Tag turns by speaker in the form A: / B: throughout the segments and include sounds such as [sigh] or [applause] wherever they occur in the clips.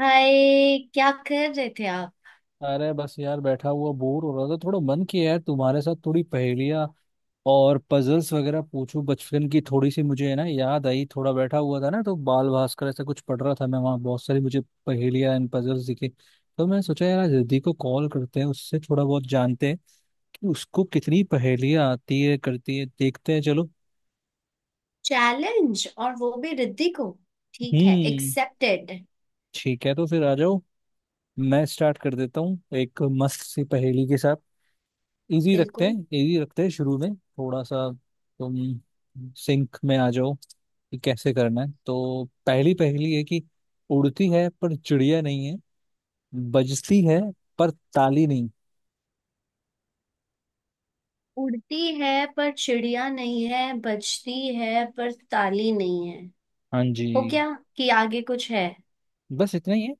A: हाय, क्या कर रहे थे आप।
B: अरे बस यार बैठा हुआ बोर हो रहा था, थोड़ा मन किया है तुम्हारे साथ थोड़ी पहेलियाँ और पजल्स वगैरह पूछूं। बचपन की थोड़ी सी मुझे है ना याद आई, थोड़ा बैठा हुआ था ना तो बाल भास्कर ऐसा कुछ पढ़ रहा था, मैं वहाँ बहुत सारी मुझे पहेलियाँ एंड पजल्स दिखे। तो मैं सोचा यार आज रिद्धि को कॉल करते हैं, उससे थोड़ा बहुत जानते हैं कि उसको कितनी पहेलियाँ आती है करती है, देखते हैं चलो।
A: चैलेंज और वो भी रिद्धि को। ठीक है,
B: हम्म।
A: एक्सेप्टेड।
B: ठीक है तो फिर आ जाओ। मैं स्टार्ट कर देता हूँ एक मस्त सी पहेली के साथ।
A: बिल्कुल।
B: इजी रखते हैं शुरू में थोड़ा सा। तुम सिंक में आ जाओ कि कैसे करना है। तो पहली पहली है कि उड़ती है पर चिड़िया नहीं है, बजती है पर ताली नहीं।
A: उड़ती है पर चिड़िया नहीं है, बजती है पर ताली नहीं है।
B: हाँ जी।
A: हो गया कि आगे कुछ है।
B: बस इतना ही है।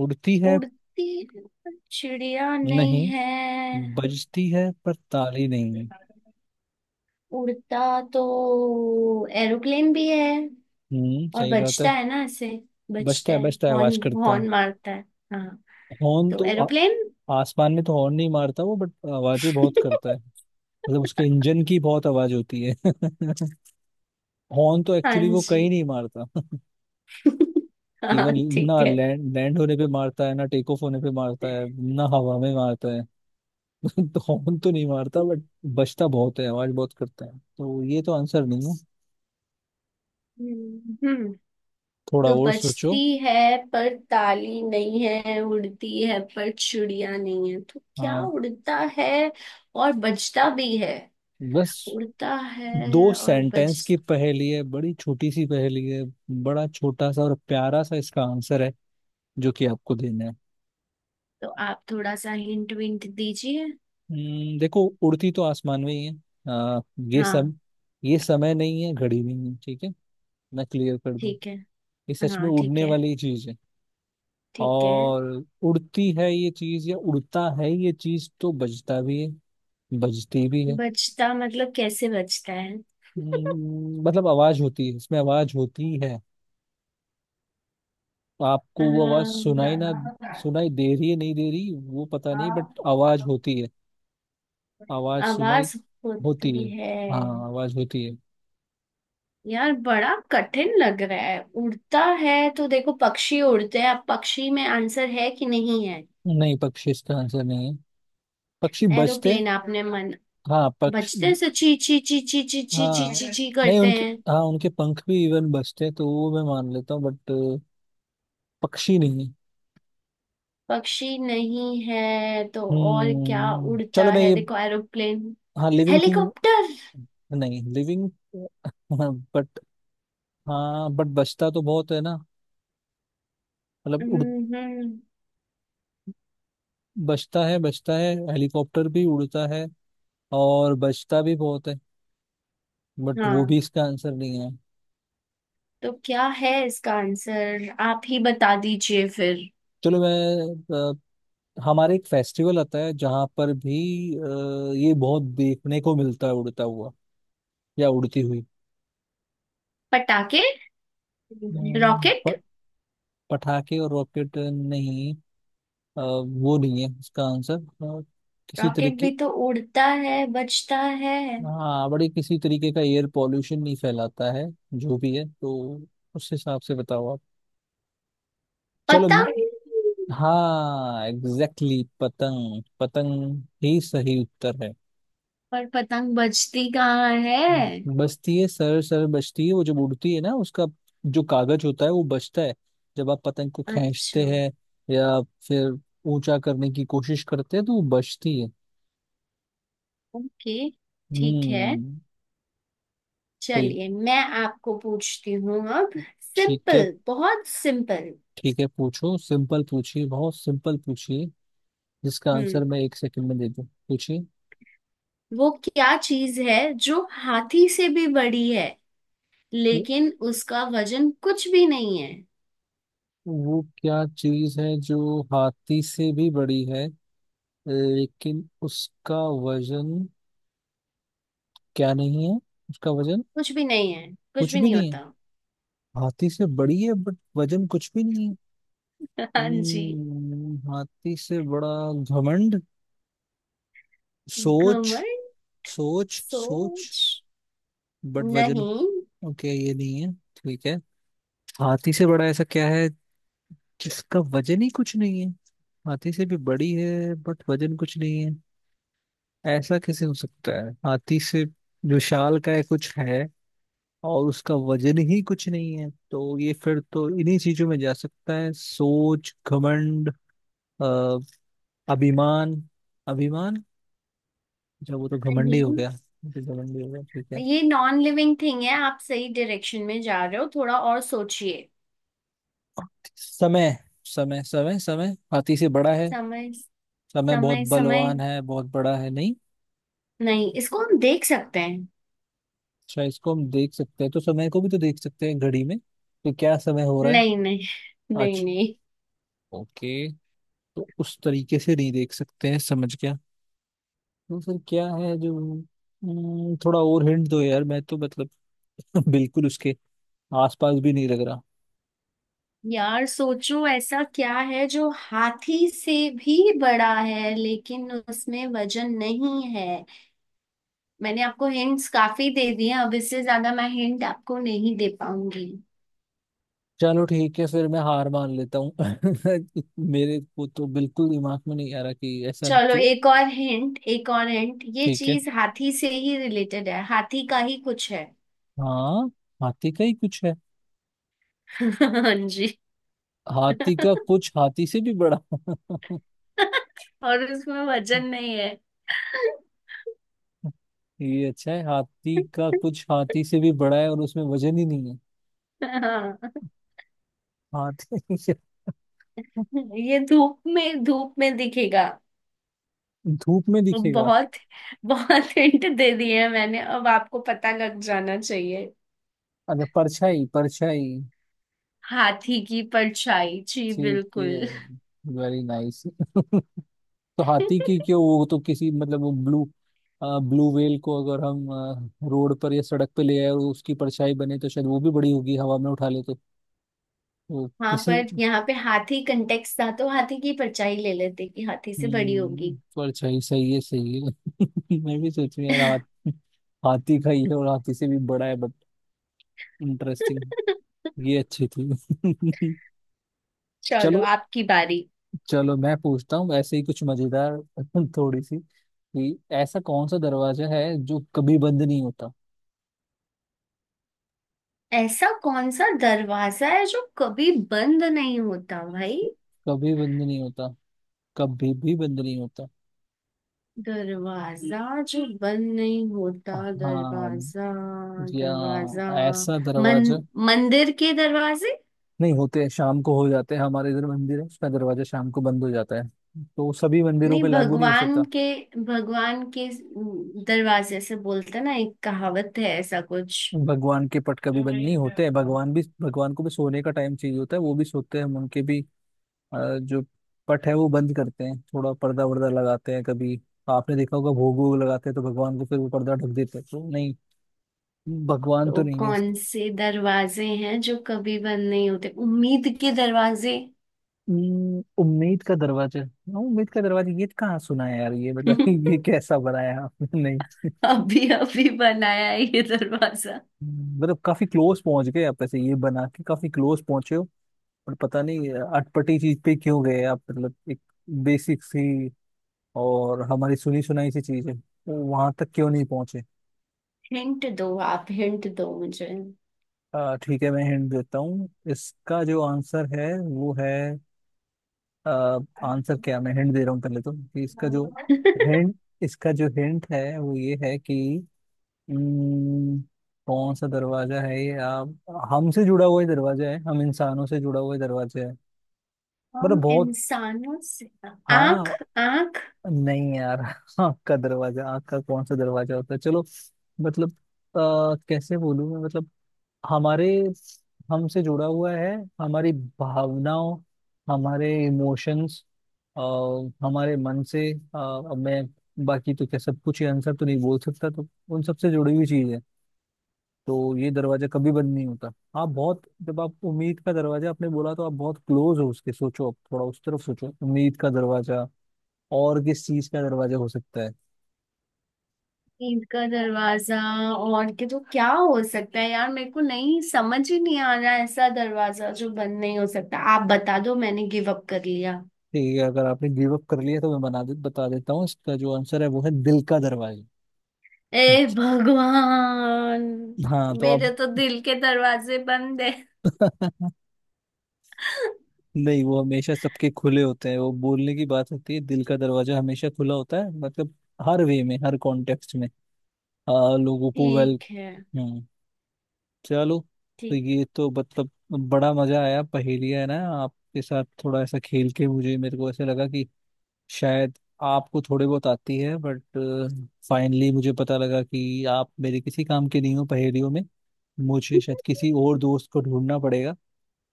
B: उड़ती है।
A: उड़ती है पर चिड़िया नहीं
B: नहीं,
A: है।
B: बजती है पर ताली नहीं है।
A: उड़ता तो एरोप्लेन भी है, और
B: सही बात है।
A: बजता है ना ऐसे,
B: बजता
A: बजता
B: है
A: है
B: बजता है
A: हॉर्न।
B: आवाज करता है।
A: हॉर्न मारता है। हाँ,
B: हॉर्न
A: तो
B: तो आ,
A: एरोप्लेन।
B: आसमान में तो हॉर्न नहीं मारता वो बट आवाजें बहुत करता है।
A: [laughs]
B: मतलब उसके इंजन की बहुत आवाज होती है। [laughs] हॉर्न तो एक्चुअली
A: हाँ
B: वो कहीं
A: जी।
B: नहीं मारता। [laughs]
A: हाँ
B: इवन
A: ठीक
B: ना
A: है।
B: लैंड लैंड होने पे मारता है, ना टेक ऑफ होने पे मारता है, ना हवा में मारता है। [laughs] तो हॉर्न तो नहीं मारता बट बजता बहुत है आवाज बहुत करता है तो ये तो आंसर नहीं है।
A: हम्म
B: थोड़ा
A: तो
B: और
A: बजती
B: सोचो।
A: है पर ताली नहीं है, उड़ती है पर चुड़िया नहीं है, तो क्या
B: हाँ,
A: उड़ता है और बजता भी है।
B: बस
A: उड़ता
B: दो
A: है और बज।
B: सेंटेंस की पहेली है, बड़ी छोटी सी पहेली है। बड़ा छोटा सा और प्यारा सा इसका आंसर है, जो कि आपको देना है।
A: तो आप थोड़ा सा हिंट विंट दीजिए।
B: देखो उड़ती तो आसमान में ही है। आ, ये सम
A: हाँ
B: ये समय नहीं है, घड़ी नहीं है, ठीक है। मैं क्लियर कर दूं।
A: ठीक है।
B: ये सच में
A: हाँ ठीक
B: उड़ने
A: है।
B: वाली चीज है।
A: ठीक है।
B: और उड़ती है ये चीज या उड़ता है ये चीज, तो बजता भी है बजती भी है।
A: बजता मतलब कैसे बजता है। [laughs]
B: मतलब आवाज होती है, इसमें आवाज होती है। आपको वो आवाज
A: हाँ,
B: सुनाई ना, सुनाई दे रही है नहीं दे रही वो पता नहीं बट आवाज होती है। आवाज सुनाई
A: आवाज
B: होती
A: होती
B: है,
A: है।
B: हाँ, आवाज होती है।
A: यार बड़ा कठिन लग रहा है। उड़ता है तो देखो पक्षी उड़ते हैं, अब पक्षी में आंसर है कि नहीं है।
B: नहीं, पक्षी इसका आंसर नहीं है। पक्षी बजते,
A: एरोप्लेन आपने मन।
B: हाँ पक्ष
A: बजते हैं, से ची ची ची ची ची ची ची
B: हाँ,
A: ची ची
B: नहीं,
A: करते
B: उनके
A: हैं।
B: हाँ उनके पंख भी इवन बजते तो वो मैं मान लेता हूँ बट पक्षी नहीं।
A: पक्षी नहीं है तो और क्या उड़ता
B: चलो मैं
A: है,
B: ये,
A: देखो एरोप्लेन,
B: हाँ, लिविंग थिंग।
A: हेलीकॉप्टर।
B: नहीं लिविंग बट, हाँ, बट बचता तो बहुत है ना। मतलब उड़
A: हम्म।
B: बचता है बचता है, हेलीकॉप्टर भी उड़ता है और बचता भी बहुत है, बट वो भी
A: हाँ,
B: इसका आंसर नहीं है।
A: तो क्या है इसका आंसर, आप ही बता दीजिए फिर।
B: चलो, हमारे एक फेस्टिवल आता है जहाँ पर भी ये बहुत देखने को मिलता है उड़ता हुआ या उड़ती हुई।
A: पटाखे।
B: हम्म,
A: रॉकेट।
B: प- पटाखे और रॉकेट नहीं। वो नहीं है उसका आंसर। किसी
A: रॉकेट
B: तरीके,
A: भी तो उड़ता है, बजता है।
B: हाँ, बड़ी किसी तरीके का एयर पॉल्यूशन नहीं फैलाता है जो भी है, तो उस हिसाब से बताओ आप। चलो।
A: पतंग।
B: हाँ एग्जैक्टली पतंग पतंग ही सही उत्तर है।
A: पर पतंग बजती कहाँ है।
B: बचती है, सर सर बचती है, वो जब उड़ती है ना उसका जो कागज होता है वो बचता है। जब आप पतंग को
A: अच्छा।
B: खींचते हैं या फिर ऊंचा करने की कोशिश करते हैं तो वो बचती है।
A: ओके। ठीक है।
B: हम्म। तो
A: चलिए मैं आपको पूछती हूँ अब।
B: ठीक है,
A: सिंपल, बहुत सिंपल।
B: ठीक है, पूछो, सिंपल पूछिए, बहुत सिंपल पूछिए। जिसका आंसर
A: हम्म
B: मैं एक सेकंड में दे दूं, पूछिए।
A: वो क्या चीज है जो हाथी से भी बड़ी है,
B: वो
A: लेकिन उसका वजन कुछ भी नहीं है।
B: वो क्या चीज है जो हाथी से भी बड़ी है, लेकिन उसका वजन क्या नहीं है। उसका वजन
A: कुछ भी नहीं है, कुछ
B: कुछ
A: भी
B: भी
A: नहीं
B: नहीं है।
A: होता।
B: हाथी से बड़ी है बट वजन कुछ भी नहीं है।
A: [laughs] हाँ जी।
B: हाथी से बड़ा घमंड, सोच,
A: घमंड।
B: सोच सोच,
A: सोच।
B: बट वजन।
A: नहीं
B: ओके ये नहीं है, ठीक है। हाथी से बड़ा ऐसा क्या है जिसका वजन ही कुछ नहीं है। हाथी से भी बड़ी है बट वजन कुछ नहीं है, ऐसा कैसे हो सकता है। हाथी से जो शाल का है कुछ है और उसका वजन ही कुछ नहीं है, तो ये फिर तो इन्हीं चीजों में जा सकता है, सोच, घमंड, अ, अभिमान। अभिमान, जब वो तो घमंडी हो
A: नहीं,
B: गया, वो तो घमंडी हो गया, ठीक है।
A: ये नॉन लिविंग थिंग है, आप सही डायरेक्शन में जा रहे हो, थोड़ा और सोचिए।
B: समय समय समय समय, हाथी से बड़ा है
A: समय,
B: समय, बहुत
A: समय, समय।
B: बलवान है, बहुत बड़ा है, नहीं।
A: नहीं, इसको हम देख सकते हैं।
B: अच्छा, इसको हम देख सकते हैं तो समय को भी तो देख सकते हैं, घड़ी में तो क्या समय हो रहा है
A: नहीं नहीं। नहीं
B: आज।
A: नहीं।
B: ओके, तो उस तरीके से नहीं देख सकते हैं, समझ गया। तो सर क्या है जो, थोड़ा और हिंट दो यार, मैं तो मतलब [laughs] बिल्कुल उसके आसपास भी नहीं लग रहा।
A: यार सोचो, ऐसा क्या है जो हाथी से भी बड़ा है, लेकिन उसमें वजन नहीं है। मैंने आपको हिंट्स काफी दे दिए हैं, अब इससे ज्यादा मैं हिंट आपको नहीं दे पाऊंगी।
B: चलो ठीक है, फिर मैं हार मान लेता हूँ। [laughs] मेरे को तो बिल्कुल दिमाग में नहीं आ रहा कि ऐसा
A: चलो
B: क्यों।
A: एक और हिंट, एक और हिंट, ये
B: ठीक है।
A: चीज हाथी से ही रिलेटेड है, हाथी का ही कुछ है।
B: हाँ, हाथी का ही कुछ है,
A: हाँ जी। [laughs]
B: हाथी का कुछ हाथी से भी बड़ा। [laughs]
A: और उसमें वजन नहीं है।
B: ये अच्छा है, हाथी का कुछ हाथी से भी बड़ा है और उसमें वजन ही नहीं है।
A: हाँ।
B: हाथी,
A: ये धूप में, धूप में दिखेगा।
B: [laughs] धूप में दिखेगा।
A: बहुत बहुत हिंट दे दिए हैं मैंने, अब आपको पता लग जाना चाहिए।
B: अच्छा, परछाई परछाई।
A: हाथी की परछाई जी,
B: ठीक
A: बिल्कुल।
B: है, वेरी नाइस। [laughs] तो हाथी की क्यों,
A: [laughs]
B: वो तो किसी, मतलब वो ब्लू, ब्लू व्हेल को अगर हम रोड पर या सड़क पे ले आए और उसकी परछाई बने तो शायद वो भी बड़ी होगी, हवा में उठा ले तो
A: हाँ,
B: किसी।
A: पर यहाँ पे हाथी कंटेक्स्ट था, तो हाथी की परछाई ले लेते कि हाथी से बड़ी होगी।
B: परछाई सही है, सही है। [laughs] मैं भी सोच रही यार, हाथी का ही है और हाथी से भी बड़ा है, इंटरेस्टिंग।
A: [laughs]
B: ये अच्छी थी। [laughs]
A: चलो
B: चलो।
A: आपकी बारी।
B: चलो मैं पूछता हूँ ऐसे ही कुछ मजेदार, [laughs] थोड़ी सी, कि ऐसा कौन सा दरवाजा है जो कभी बंद नहीं होता।
A: ऐसा कौन सा दरवाजा है जो कभी बंद नहीं होता भाई।
B: कभी बंद नहीं होता, कभी भी बंद नहीं होता।
A: दरवाजा जो बंद नहीं होता।
B: हाँ,
A: दरवाजा।
B: या
A: दरवाजा।
B: ऐसा
A: मन।
B: दरवाजा
A: मंदिर के दरवाजे।
B: नहीं होते हैं, शाम को हो जाते हैं, हमारे इधर मंदिर है उसका दरवाजा शाम को बंद हो जाता है, तो सभी मंदिरों
A: नहीं,
B: पे लागू नहीं हो
A: भगवान
B: सकता।
A: के, भगवान के दरवाजे से बोलते ना, एक कहावत है ऐसा कुछ।
B: भगवान के पट कभी बंद नहीं होते हैं, भगवान को भी सोने का टाइम चाहिए होता है, वो भी सोते हैं, उनके भी अ, जो पट है वो बंद करते हैं, थोड़ा पर्दा वर्दा लगाते हैं कभी। आपने देखा होगा, भोग वोग लगाते हैं तो भगवान को फिर वो पर्दा ढक देते हैं, तो नहीं, भगवान तो
A: तो
B: नहीं है।
A: कौन से दरवाजे हैं जो कभी बंद नहीं होते, उम्मीद के दरवाजे।
B: उम्मीद का दरवाजा, हाँ, उम्मीद का दरवाजा, ये कहाँ सुना है यार ये बता। [laughs]
A: [laughs]
B: ये कैसा बनाया आपने, नहीं
A: अभी अभी बनाया है ये दरवाजा।
B: मतलब काफी क्लोज पहुंच गए आप, ऐसे ये बना के काफी क्लोज पहुंचे हो, पर पता नहीं अटपटी चीज पे क्यों गए आप। मतलब एक बेसिक सी और हमारी सुनी सुनाई सी चीज है, वहां तक क्यों नहीं पहुंचे।
A: हिंट दो आप, हिंट दो मुझे।
B: ठीक है, मैं हिंट देता हूँ, इसका जो आंसर है वो है, आंसर क्या, मैं हिंट दे रहा हूँ पहले, तो कि
A: [laughs]
B: हिंट इसका जो हिंट है वो ये है कि, उम्म, कौन सा दरवाजा है ये आप, हमसे जुड़ा हुआ ही दरवाजा है, हम इंसानों से जुड़ा हुआ ही दरवाजा है,
A: हम
B: मतलब बहुत,
A: इंसानों से। आंख,
B: हाँ।
A: आंख।
B: नहीं यार, [laughs] आँख का दरवाजा, आँख का कौन सा दरवाजा होता है, चलो मतलब, कैसे बोलूँ मैं, मतलब हमारे हमसे जुड़ा हुआ है, हमारी भावनाओं, हमारे इमोशंस, हमारे मन से। अब मैं बाकी तो क्या सब कुछ ही आंसर तो नहीं बोल सकता, तो उन सब से जुड़ी हुई चीज है, तो ये दरवाजा कभी बंद नहीं होता। आप बहुत जब आप उम्मीद का दरवाजा आपने बोला, तो आप बहुत क्लोज हो उसके, सोचो, आप थोड़ा उस तरफ सोचो, उम्मीद का दरवाजा और किस चीज का दरवाजा हो सकता है।
A: ईंट का दरवाजा और के तो क्या हो सकता है यार, मेरे को नहीं, समझ ही नहीं आ रहा है। ऐसा दरवाजा जो बंद नहीं हो सकता, आप बता दो, मैंने गिव अप कर लिया।
B: ठीक है, अगर आपने गिव अप कर लिया तो मैं बता देता हूँ, इसका जो आंसर है वो है दिल का दरवाजा।
A: ए भगवान,
B: हाँ तो आप,
A: मेरे तो दिल के दरवाजे बंद है।
B: [laughs] नहीं वो हमेशा सबके खुले होते हैं, वो बोलने की बात होती है, दिल का दरवाजा हमेशा खुला होता है, मतलब हर वे में, हर कॉन्टेक्स्ट में। लोगों को वेल।
A: ठीक है।
B: हम्म। चलो। तो
A: ठीक।
B: ये तो मतलब बड़ा मजा आया पहेलियाँ, है ना, आपके साथ थोड़ा ऐसा खेल के मुझे मेरे को ऐसा लगा कि शायद आपको थोड़े बहुत आती है, बट फाइनली मुझे पता लगा कि आप मेरे किसी काम के नहीं हो पहेलियों में। मुझे शायद किसी और दोस्त को ढूंढना पड़ेगा,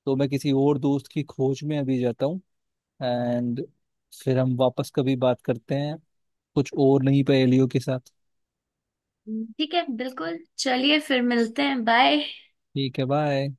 B: तो मैं किसी और दोस्त की खोज में अभी जाता हूँ, एंड फिर हम वापस कभी बात करते हैं, कुछ और, नहीं पहेलियों के साथ।
A: ठीक है बिल्कुल, चलिए फिर मिलते हैं, बाय।
B: ठीक है, बाय।